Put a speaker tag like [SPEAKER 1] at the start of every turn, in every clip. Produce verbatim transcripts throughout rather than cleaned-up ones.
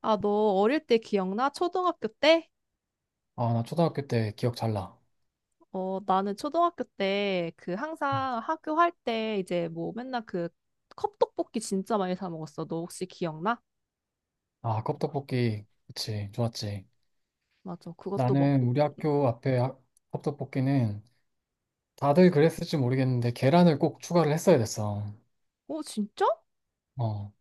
[SPEAKER 1] 아, 너 어릴 때 기억나? 초등학교 때?
[SPEAKER 2] 아, 나 초등학교 때 기억 잘 나.
[SPEAKER 1] 어, 나는 초등학교 때 그 항상 학교 할 때 이제 뭐 맨날 그 컵떡볶이 진짜 많이 사 먹었어. 너 혹시 기억나?
[SPEAKER 2] 아, 컵떡볶이. 그치, 좋았지.
[SPEAKER 1] 맞아. 그것도 먹.
[SPEAKER 2] 나는 우리 학교 앞에 하- 컵떡볶이는 다들 그랬을지 모르겠는데 계란을 꼭 추가를 했어야 됐어.
[SPEAKER 1] 어, 진짜?
[SPEAKER 2] 어.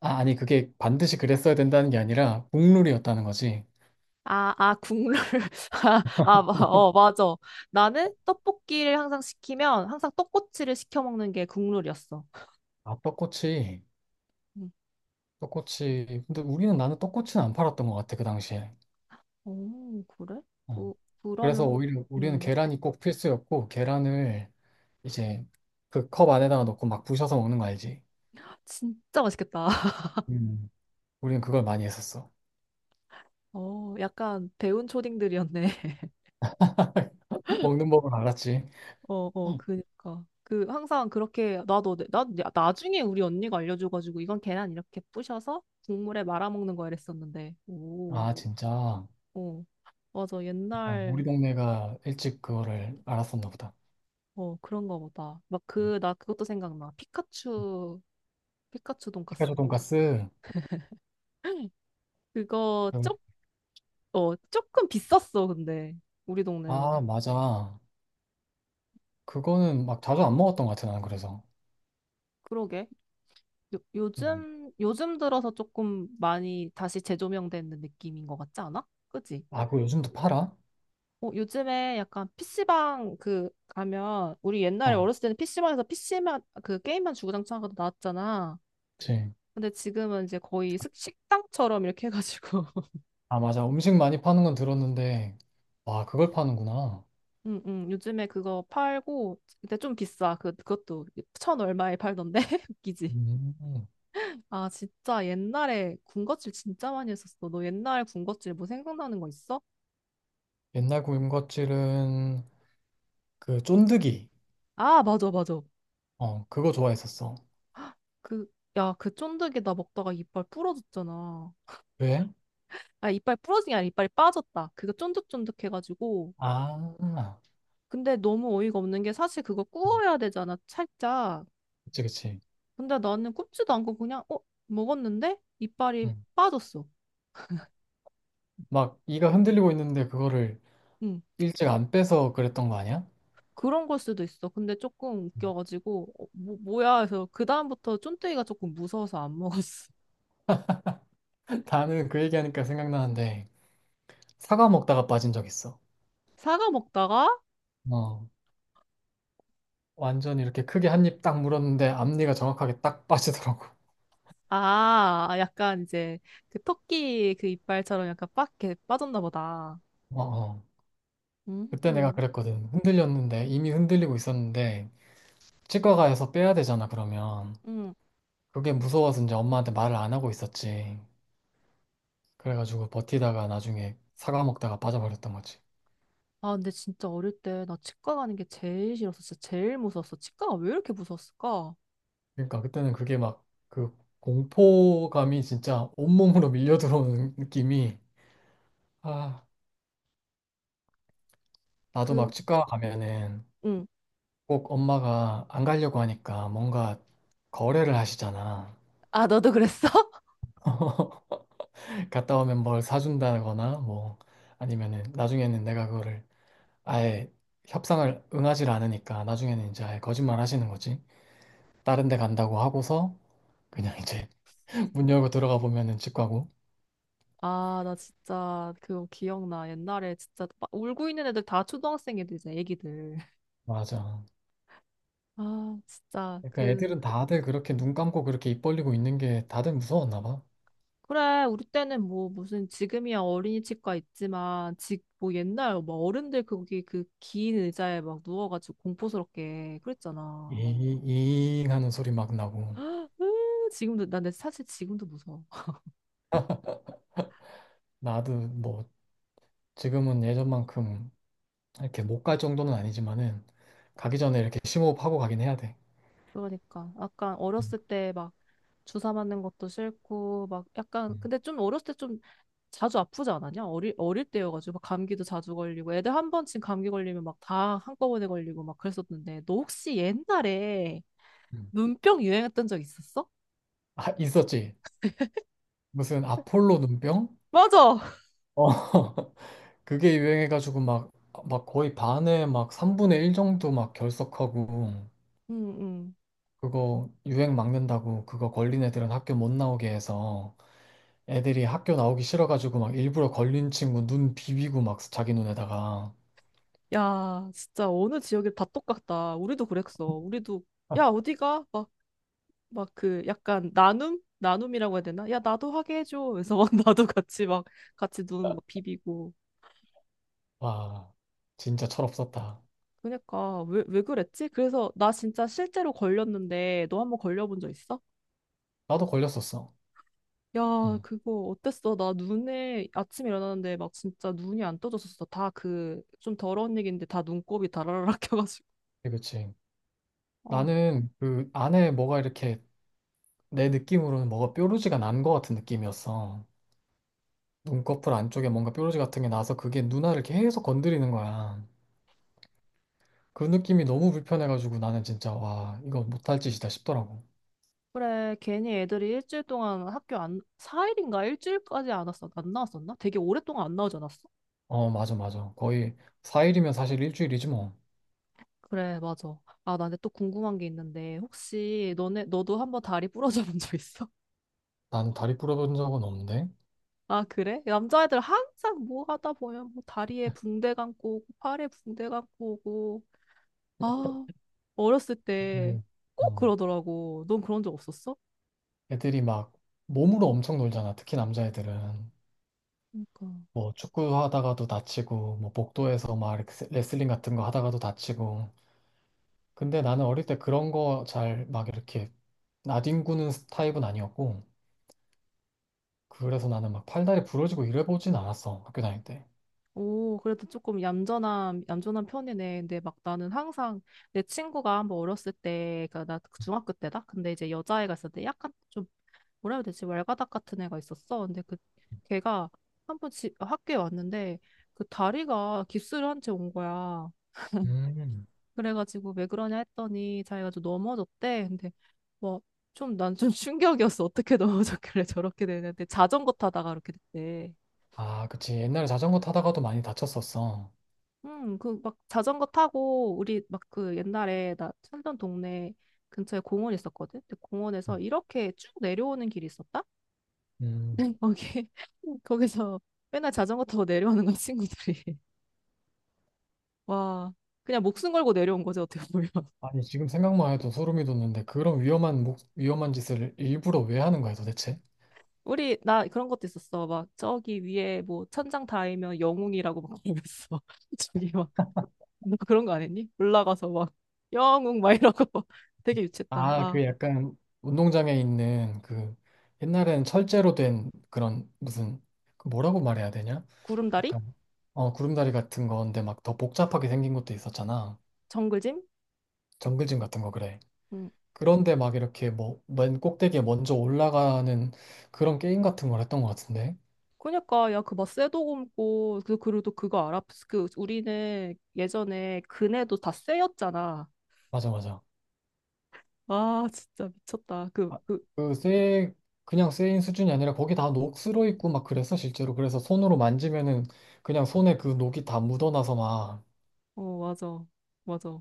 [SPEAKER 2] 아, 아니, 그게 반드시 그랬어야 된다는 게 아니라 국룰이었다는 거지.
[SPEAKER 1] 아, 아, 국룰. 아, 아, 마- 어, 맞아. 나는 떡볶이를 항상 시키면 항상 떡꼬치를 시켜 먹는 게 국룰이었어.
[SPEAKER 2] 아, 떡꼬치.
[SPEAKER 1] 음.
[SPEAKER 2] 떡꼬치. 근데 우리는 나는 떡꼬치는 안 팔았던 것 같아, 그 당시에.
[SPEAKER 1] 오, 그래?
[SPEAKER 2] 어.
[SPEAKER 1] 그, 그러면,
[SPEAKER 2] 그래서
[SPEAKER 1] 혹-
[SPEAKER 2] 오히려 우리는
[SPEAKER 1] 음,
[SPEAKER 2] 계란이 꼭 필수였고, 계란을 이제 그 컵 안에다가 넣고 막 부셔서 먹는 거 알지?
[SPEAKER 1] 진짜 맛있겠다.
[SPEAKER 2] 음. 우리는 그걸 많이 했었어.
[SPEAKER 1] 어, 약간 배운 초딩들이었네.
[SPEAKER 2] 먹는 법은 알았지.
[SPEAKER 1] 어, 어, 그니까. 그, 항상 그렇게, 나도, 내- 나, 야, 나중에 우리 언니가 알려줘가지고, 이건 계란 이렇게 부셔서 국물에 말아먹는 거 이랬었는데. 오,
[SPEAKER 2] 아, 진짜.
[SPEAKER 1] 어. 맞아,
[SPEAKER 2] 약간 우리
[SPEAKER 1] 옛날,
[SPEAKER 2] 동네가 일찍 그거를 알았었나 보다.
[SPEAKER 1] 어, 그런 거 보다. 막 그, 나 그것도 생각나. 피카츄, 피카츄
[SPEAKER 2] 피카츄
[SPEAKER 1] 돈까스.
[SPEAKER 2] 돈까스.
[SPEAKER 1] 그거, 쪽, 어, 조금 비쌌어, 근데. 우리
[SPEAKER 2] 아,
[SPEAKER 1] 동네는.
[SPEAKER 2] 맞아. 그거는 막 자주 안 먹었던 것 같아, 나는 그래서.
[SPEAKER 1] 그러게. 요,
[SPEAKER 2] 음.
[SPEAKER 1] 요즘, 요즘 들어서 조금 많이 다시 재조명되는 느낌인 것 같지 않아? 그지?
[SPEAKER 2] 아, 그거 요즘도 팔아?
[SPEAKER 1] 어, 요즘에 약간 피시방 그 가면 우리 옛날에
[SPEAKER 2] 어,
[SPEAKER 1] 어렸을 때는 피시방에서 피시만 그 게임만 주구장창 하고 나왔잖아.
[SPEAKER 2] 그치.
[SPEAKER 1] 근데 지금은 이제 거의 식- 식당처럼 이렇게 해가지고
[SPEAKER 2] 아, 맞아. 음식 많이 파는 건 들었는데, 와, 그걸 파는구나.
[SPEAKER 1] 응, 응, 요즘에 그거 팔고 근데 좀 비싸. 그, 그것도 천 얼마에 팔던데? 웃기지?
[SPEAKER 2] 음.
[SPEAKER 1] 아 진짜 옛날에 군것질 진짜 많이 했었어. 너 옛날 군것질 뭐 생각나는 거 있어?
[SPEAKER 2] 옛날 군것질은 그 쫀득이.
[SPEAKER 1] 아 맞아 맞아.
[SPEAKER 2] 어, 그거 좋아했었어.
[SPEAKER 1] 그, 야, 그 쫀득이 나 먹다가 이빨 부러졌잖아.
[SPEAKER 2] 왜?
[SPEAKER 1] 아, 이빨 부러진 게 아니라 이빨이 빠졌다. 그거 쫀득쫀득해가지고.
[SPEAKER 2] 아,
[SPEAKER 1] 근데 너무 어이가 없는 게 사실 그거 구워야 되잖아, 살짝.
[SPEAKER 2] 그치, 그치.
[SPEAKER 1] 근데 나는 굽지도 않고 그냥, 어? 먹었는데? 이빨이
[SPEAKER 2] 응.
[SPEAKER 1] 빠졌어.
[SPEAKER 2] 막 이가 흔들리고 있는데 그거를
[SPEAKER 1] 응.
[SPEAKER 2] 일찍 안 빼서 그랬던 거 아니야?
[SPEAKER 1] 그런 걸 수도 있어. 근데 조금 웃겨가지고, 어, 뭐, 뭐야 해서 그다음부터 쫀득이가 조금 무서워서 안 먹었어.
[SPEAKER 2] 나는 그 얘기하니까 생각나는데 사과 먹다가 빠진 적 있어.
[SPEAKER 1] 사과 먹다가,
[SPEAKER 2] 어, 완전 이렇게 크게 한입 딱 물었는데 앞니가 정확하게 딱 빠지더라고.
[SPEAKER 1] 아, 약간 이제 그 토끼 그 이빨처럼 약간 빡 이렇게 빠졌나 보다.
[SPEAKER 2] 어, 어. 그때 내가
[SPEAKER 1] 음,
[SPEAKER 2] 그랬거든. 흔들렸는데 이미 흔들리고 있었는데 치과 가서 빼야 되잖아 그러면
[SPEAKER 1] 음.
[SPEAKER 2] 그게 무서워서 이제 엄마한테 말을 안 하고 있었지. 그래가지고 버티다가 나중에 사과 먹다가 빠져버렸던 거지.
[SPEAKER 1] 아, 근데 진짜 어릴 때 나 치과 가는 게 제일 싫었어. 진짜 제일 무서웠어. 치과가 왜 이렇게 무서웠을까?
[SPEAKER 2] 그러니까 그때는 그게 막 그 공포감이 진짜 온몸으로 밀려 들어오는 느낌이. 아, 나도 막
[SPEAKER 1] 그,
[SPEAKER 2] 치과 가면은
[SPEAKER 1] 응.
[SPEAKER 2] 꼭 엄마가 안 가려고 하니까 뭔가 거래를 하시잖아.
[SPEAKER 1] 아, 너도 그랬어?
[SPEAKER 2] 갔다 오면 뭘 사준다거나 뭐 아니면은 나중에는 내가 그거를 아예 협상을 응하지 않으니까 나중에는 이제 아예 거짓말 하시는 거지. 다른 데 간다고 하고서 그냥 이제 문 열고 들어가 보면은 치과고.
[SPEAKER 1] 아, 나 진짜 그거 기억나. 옛날에 진짜 막 울고 있는 애들 다 초등학생 애들이잖아, 애기들.
[SPEAKER 2] 맞아.
[SPEAKER 1] 아, 진짜
[SPEAKER 2] 그러니까
[SPEAKER 1] 그
[SPEAKER 2] 애들은 다들 그렇게 눈 감고 그렇게 입 벌리고 있는 게 다들 무서웠나 봐.
[SPEAKER 1] 그래, 우리 때는 뭐 무슨 지금이야 어린이 치과 있지만 지, 뭐 옛날 막 어른들 거기 그 긴 의자에 막 누워가지고 공포스럽게 그랬잖아.
[SPEAKER 2] 이, 이잉 하는 소리 막 나고.
[SPEAKER 1] 으, 지금도 나 근데 사실 지금도 무서워.
[SPEAKER 2] 나도 뭐 지금은 예전만큼 이렇게 못 갈 정도는 아니지만은 가기 전에 이렇게 심호흡하고 가긴 해야 돼.
[SPEAKER 1] 그러니까 약간
[SPEAKER 2] 음,
[SPEAKER 1] 어렸을 때 막 주사 맞는 것도 싫고 막 약간
[SPEAKER 2] 음,
[SPEAKER 1] 근데 좀 어렸을 때 좀 자주 아프지 않았냐? 어릴 어릴 때여가지고 막 감기도 자주 걸리고 애들 한 번쯤 감기 걸리면 막 다 한꺼번에 걸리고 막 그랬었는데 너 혹시 옛날에
[SPEAKER 2] 음.
[SPEAKER 1] 눈병 유행했던 적 있었어?
[SPEAKER 2] 아, 있었지. 무슨 아폴로 눈병?
[SPEAKER 1] 맞아.
[SPEAKER 2] 어. 그게 유행해가지고 막, 막 거의 반에 막 삼분의 일 정도 막 결석하고
[SPEAKER 1] 응응.
[SPEAKER 2] 그거 유행 막는다고 그거 걸린 애들은 학교 못 나오게 해서 애들이 학교 나오기 싫어가지고 막 일부러 걸린 친구 눈 비비고 막 자기 눈에다가.
[SPEAKER 1] 야 진짜 어느 지역이 다 똑같다. 우리도 그랬어. 우리도 야 어디가? 막 그 약간 나눔? 나눔이라고 해야 되나? 야, 나도 하게 해줘. 그래서 막 나도 같이 막 같이 눈 막 비비고.
[SPEAKER 2] 와 진짜 철없었다.
[SPEAKER 1] 그러니까 왜, 왜 그랬지? 그래서 나 진짜 실제로 걸렸는데 너 한번 걸려본 적 있어?
[SPEAKER 2] 나도 걸렸었어. 응,
[SPEAKER 1] 야, 그거 어땠어? 나 눈에 아침에 일어나는데 막 진짜 눈이 안 떠졌었어. 다 그 좀 더러운 얘기인데 다 눈곱이 다라라락 껴가지고.
[SPEAKER 2] 그치. 그치.
[SPEAKER 1] 아,
[SPEAKER 2] 나는 그 안에 뭐가 이렇게 내 느낌으로는 뭐가 뾰루지가 난 것 같은 느낌이었어. 눈꺼풀 안쪽에 뭔가 뾰루지 같은 게 나서 그게 누나를 계속 건드리는 거야. 그 느낌이 너무 불편해가지고 나는 진짜, 와, 이거 못할 짓이다 싶더라고.
[SPEAKER 1] 그래. 괜히 애들이 일주일 동안 학교 안, 사일인가 일주일까지 안 왔어. 안 나왔었나? 되게 오랫동안 안 나오지 않았어?
[SPEAKER 2] 어 맞아 맞아. 거의 사 일이면 사실 일주일이지 뭐.
[SPEAKER 1] 그래, 맞아. 아, 나 근데 또 궁금한 게 있는데, 혹시 너네, 너도 한번 다리 부러져 본 적 있어?
[SPEAKER 2] 나는 다리 부러본 적은 없는데.
[SPEAKER 1] 아, 그래? 남자애들 항상 뭐 하다 보면 뭐 다리에 붕대 감고 오고, 팔에 붕대 감고 오고. 아, 어렸을 때
[SPEAKER 2] 그,
[SPEAKER 1] 꼭
[SPEAKER 2] 어,
[SPEAKER 1] 그러더라고. 넌 그런 적 없었어?
[SPEAKER 2] 애들이 막 몸으로 엄청 놀잖아. 특히 남자애들은.
[SPEAKER 1] 그러니까.
[SPEAKER 2] 뭐 축구 하다가도 다치고, 뭐 복도에서 막 이렇게 레슬링 같은 거 하다가도 다치고. 근데 나는 어릴 때 그런 거 잘 막 이렇게 나뒹구는 타입은 아니었고, 그래서 나는 막 팔다리 부러지고 이래보진 않았어. 학교 다닐 때.
[SPEAKER 1] 오, 그래도 조금 얌전한, 얌전한 편이네. 근데 막 나는 항상 내 친구가 한번 어렸을 때, 그니까 나 중학교 때다? 근데 이제 여자애가 있었는데 약간 좀 뭐라 해야 되지? 왈가닥 같은 애가 있었어. 근데 그 걔가 한 번집 어, 학교에 왔는데 그 다리가 깁스를 한 채 온 거야.
[SPEAKER 2] 음,
[SPEAKER 1] 그래가지고 왜 그러냐 했더니 자기가 좀 넘어졌대. 근데 뭐 좀 난 좀 충격이었어. 어떻게 넘어졌길래 저렇게 되는데 자전거 타다가 이렇게 됐대.
[SPEAKER 2] 아, 그치. 옛날에 자전거 타다가도 많이 다쳤었어.
[SPEAKER 1] 음, 그 막 자전거 타고 우리 막 그 옛날에 나 살던 동네 근처에 공원 있었거든. 근데
[SPEAKER 2] 음.
[SPEAKER 1] 공원에서 이렇게 쭉 내려오는 길이 있었다.
[SPEAKER 2] 음.
[SPEAKER 1] 거기 거기서 맨날 자전거 타고 내려오는 건 친구들이 와 그냥 목숨 걸고 내려온 거지 어떻게 보면
[SPEAKER 2] 아니, 지금 생각만 해도 소름이 돋는데 그런 위험한, 목- 위험한 짓을 일부러 왜 하는 거야, 도대체?
[SPEAKER 1] 우리 나 그런 것도 있었어 막 저기 위에 뭐 천장 닿으면 영웅이라고 막 그랬어 저기 막 너 그런 거 안 했니? 올라가서 막 영웅 막 이러고 막 되게 유치했다
[SPEAKER 2] 아,
[SPEAKER 1] 아
[SPEAKER 2] 그 약간 운동장에 있는 그 옛날엔 철제로 된 그런 무슨 그 뭐라고 말해야 되냐?
[SPEAKER 1] 구름다리?
[SPEAKER 2] 약간 어 구름다리 같은 건데 막 더 복잡하게 생긴 것도 있었잖아.
[SPEAKER 1] 정글짐?
[SPEAKER 2] 정글짐 같은 거 그래.
[SPEAKER 1] 응
[SPEAKER 2] 그런데 막 이렇게 뭐 맨 꼭대기에 먼저 올라가는 그런 게임 같은 걸 했던 것 같은데.
[SPEAKER 1] 그니까 야 그 막 쇠도 굽고 그 그리고 그거 알아? 그 우리는 예전에 그네도 다 쇠였잖아
[SPEAKER 2] 맞아 맞아.
[SPEAKER 1] 아 진짜 미쳤다 그,
[SPEAKER 2] 아,
[SPEAKER 1] 그,
[SPEAKER 2] 그 쇠, 그냥 쇠인 수준이 아니라 거기 다 녹슬어 있고 막 그랬어 실제로. 그래서 손으로 만지면은 그냥 손에 그 녹이 다 묻어나서 막.
[SPEAKER 1] 어, 맞아. 맞아.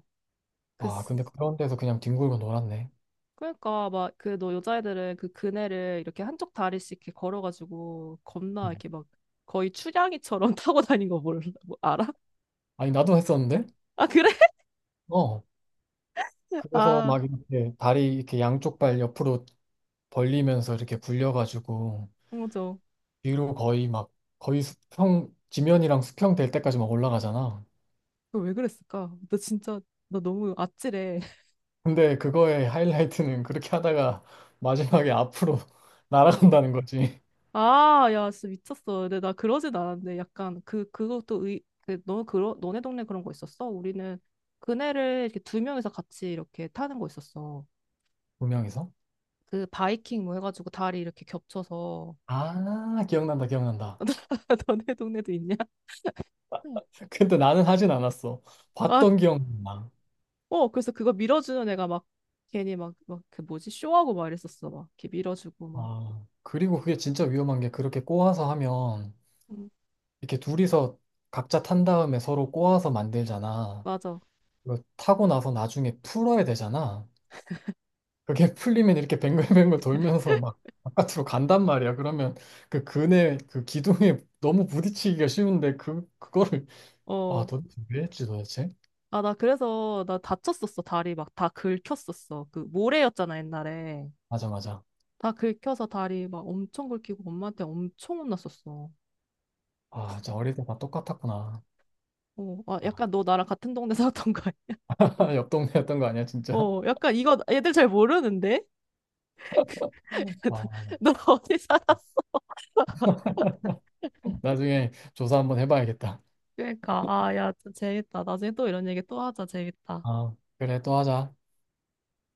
[SPEAKER 1] 그,
[SPEAKER 2] 아,
[SPEAKER 1] 쓰-
[SPEAKER 2] 근데 그런 데서 그냥 뒹굴고 놀았네.
[SPEAKER 1] 그러니까, 막, 그, 너 여자애들은 그 그네를 이렇게 한쪽 다리씩 이렇게 걸어가지고, 겁나
[SPEAKER 2] 음.
[SPEAKER 1] 이렇게 막, 거의 추량이처럼 타고 다닌 거 몰라, 뭐, 알아?
[SPEAKER 2] 아니, 나도 했었는데?
[SPEAKER 1] 아, 그래?
[SPEAKER 2] 어. 그래서
[SPEAKER 1] 아,
[SPEAKER 2] 막 이렇게 다리 이렇게 양쪽 발 옆으로 벌리면서 이렇게 굴려가지고
[SPEAKER 1] 맞아.
[SPEAKER 2] 뒤로 거의 막 거의 수평, 지면이랑 수평 될 때까지 막 올라가잖아.
[SPEAKER 1] 그거 왜 그랬을까? 나 진짜, 나 너무 아찔해.
[SPEAKER 2] 근데 그거의 하이라이트는 그렇게 하다가 마지막에 앞으로
[SPEAKER 1] 어.
[SPEAKER 2] 날아간다는 거지.
[SPEAKER 1] 아, 야, 진짜 미쳤어. 근데 나 그러진 않았는데, 약간, 그, 그것도 의, 그, 너, 그러, 너네 동네 그런 거 있었어? 우리는 그네를 이렇게 두 명이서 같이 이렇게 타는 거 있었어.
[SPEAKER 2] 두 명이서?
[SPEAKER 1] 그 바이킹 뭐 해가지고 다리 이렇게 겹쳐서
[SPEAKER 2] 아, 기억난다, 기억난다.
[SPEAKER 1] 너네 동네도 있냐?
[SPEAKER 2] 근데 나는 하진 않았어.
[SPEAKER 1] 아,
[SPEAKER 2] 봤던 기억나.
[SPEAKER 1] 어, 그래서 그거 밀어주는 애가 막 괜히 막, 막 그 뭐지? 쇼하고 막 이랬었어. 막 이렇게 밀어주고 막.
[SPEAKER 2] 아, 그리고 그게 진짜 위험한 게 그렇게 꼬아서 하면
[SPEAKER 1] 음.
[SPEAKER 2] 이렇게 둘이서 각자 탄 다음에 서로 꼬아서 만들잖아.
[SPEAKER 1] 맞아.
[SPEAKER 2] 그 타고 나서 나중에 풀어야 되잖아. 그게 풀리면 이렇게 뱅글뱅글 돌면서 막 바깥으로 간단 말이야. 그러면 그 근에 그 기둥에 너무 부딪히기가 쉬운데 그 그거를. 아,
[SPEAKER 1] 어.
[SPEAKER 2] 도대체 왜 했지 도대체?
[SPEAKER 1] 아, 나 그래서 나 다쳤었어. 다리 막 다 긁혔었어. 그 모래였잖아, 옛날에.
[SPEAKER 2] 맞아 맞아.
[SPEAKER 1] 다 긁혀서 다리 막 엄청 긁히고 엄마한테 엄청 혼났었어.
[SPEAKER 2] 아 진짜 어릴 때 다 똑같았구나.
[SPEAKER 1] 어, 아,
[SPEAKER 2] 야,
[SPEAKER 1] 약간 너 나랑 같은 동네 살았던 거야.
[SPEAKER 2] 옆 동네였던 거 아니야 진짜?
[SPEAKER 1] 어, 약간 이거 애들 잘 모르는데?
[SPEAKER 2] 와,
[SPEAKER 1] 너 어디 살았어?
[SPEAKER 2] 나중에 조사 한번 해봐야겠다.
[SPEAKER 1] 그러니까 아, 야, 좀 재밌다. 나중에 또 이런 얘기 또 하자. 재밌다.
[SPEAKER 2] 아 그래 또 하자.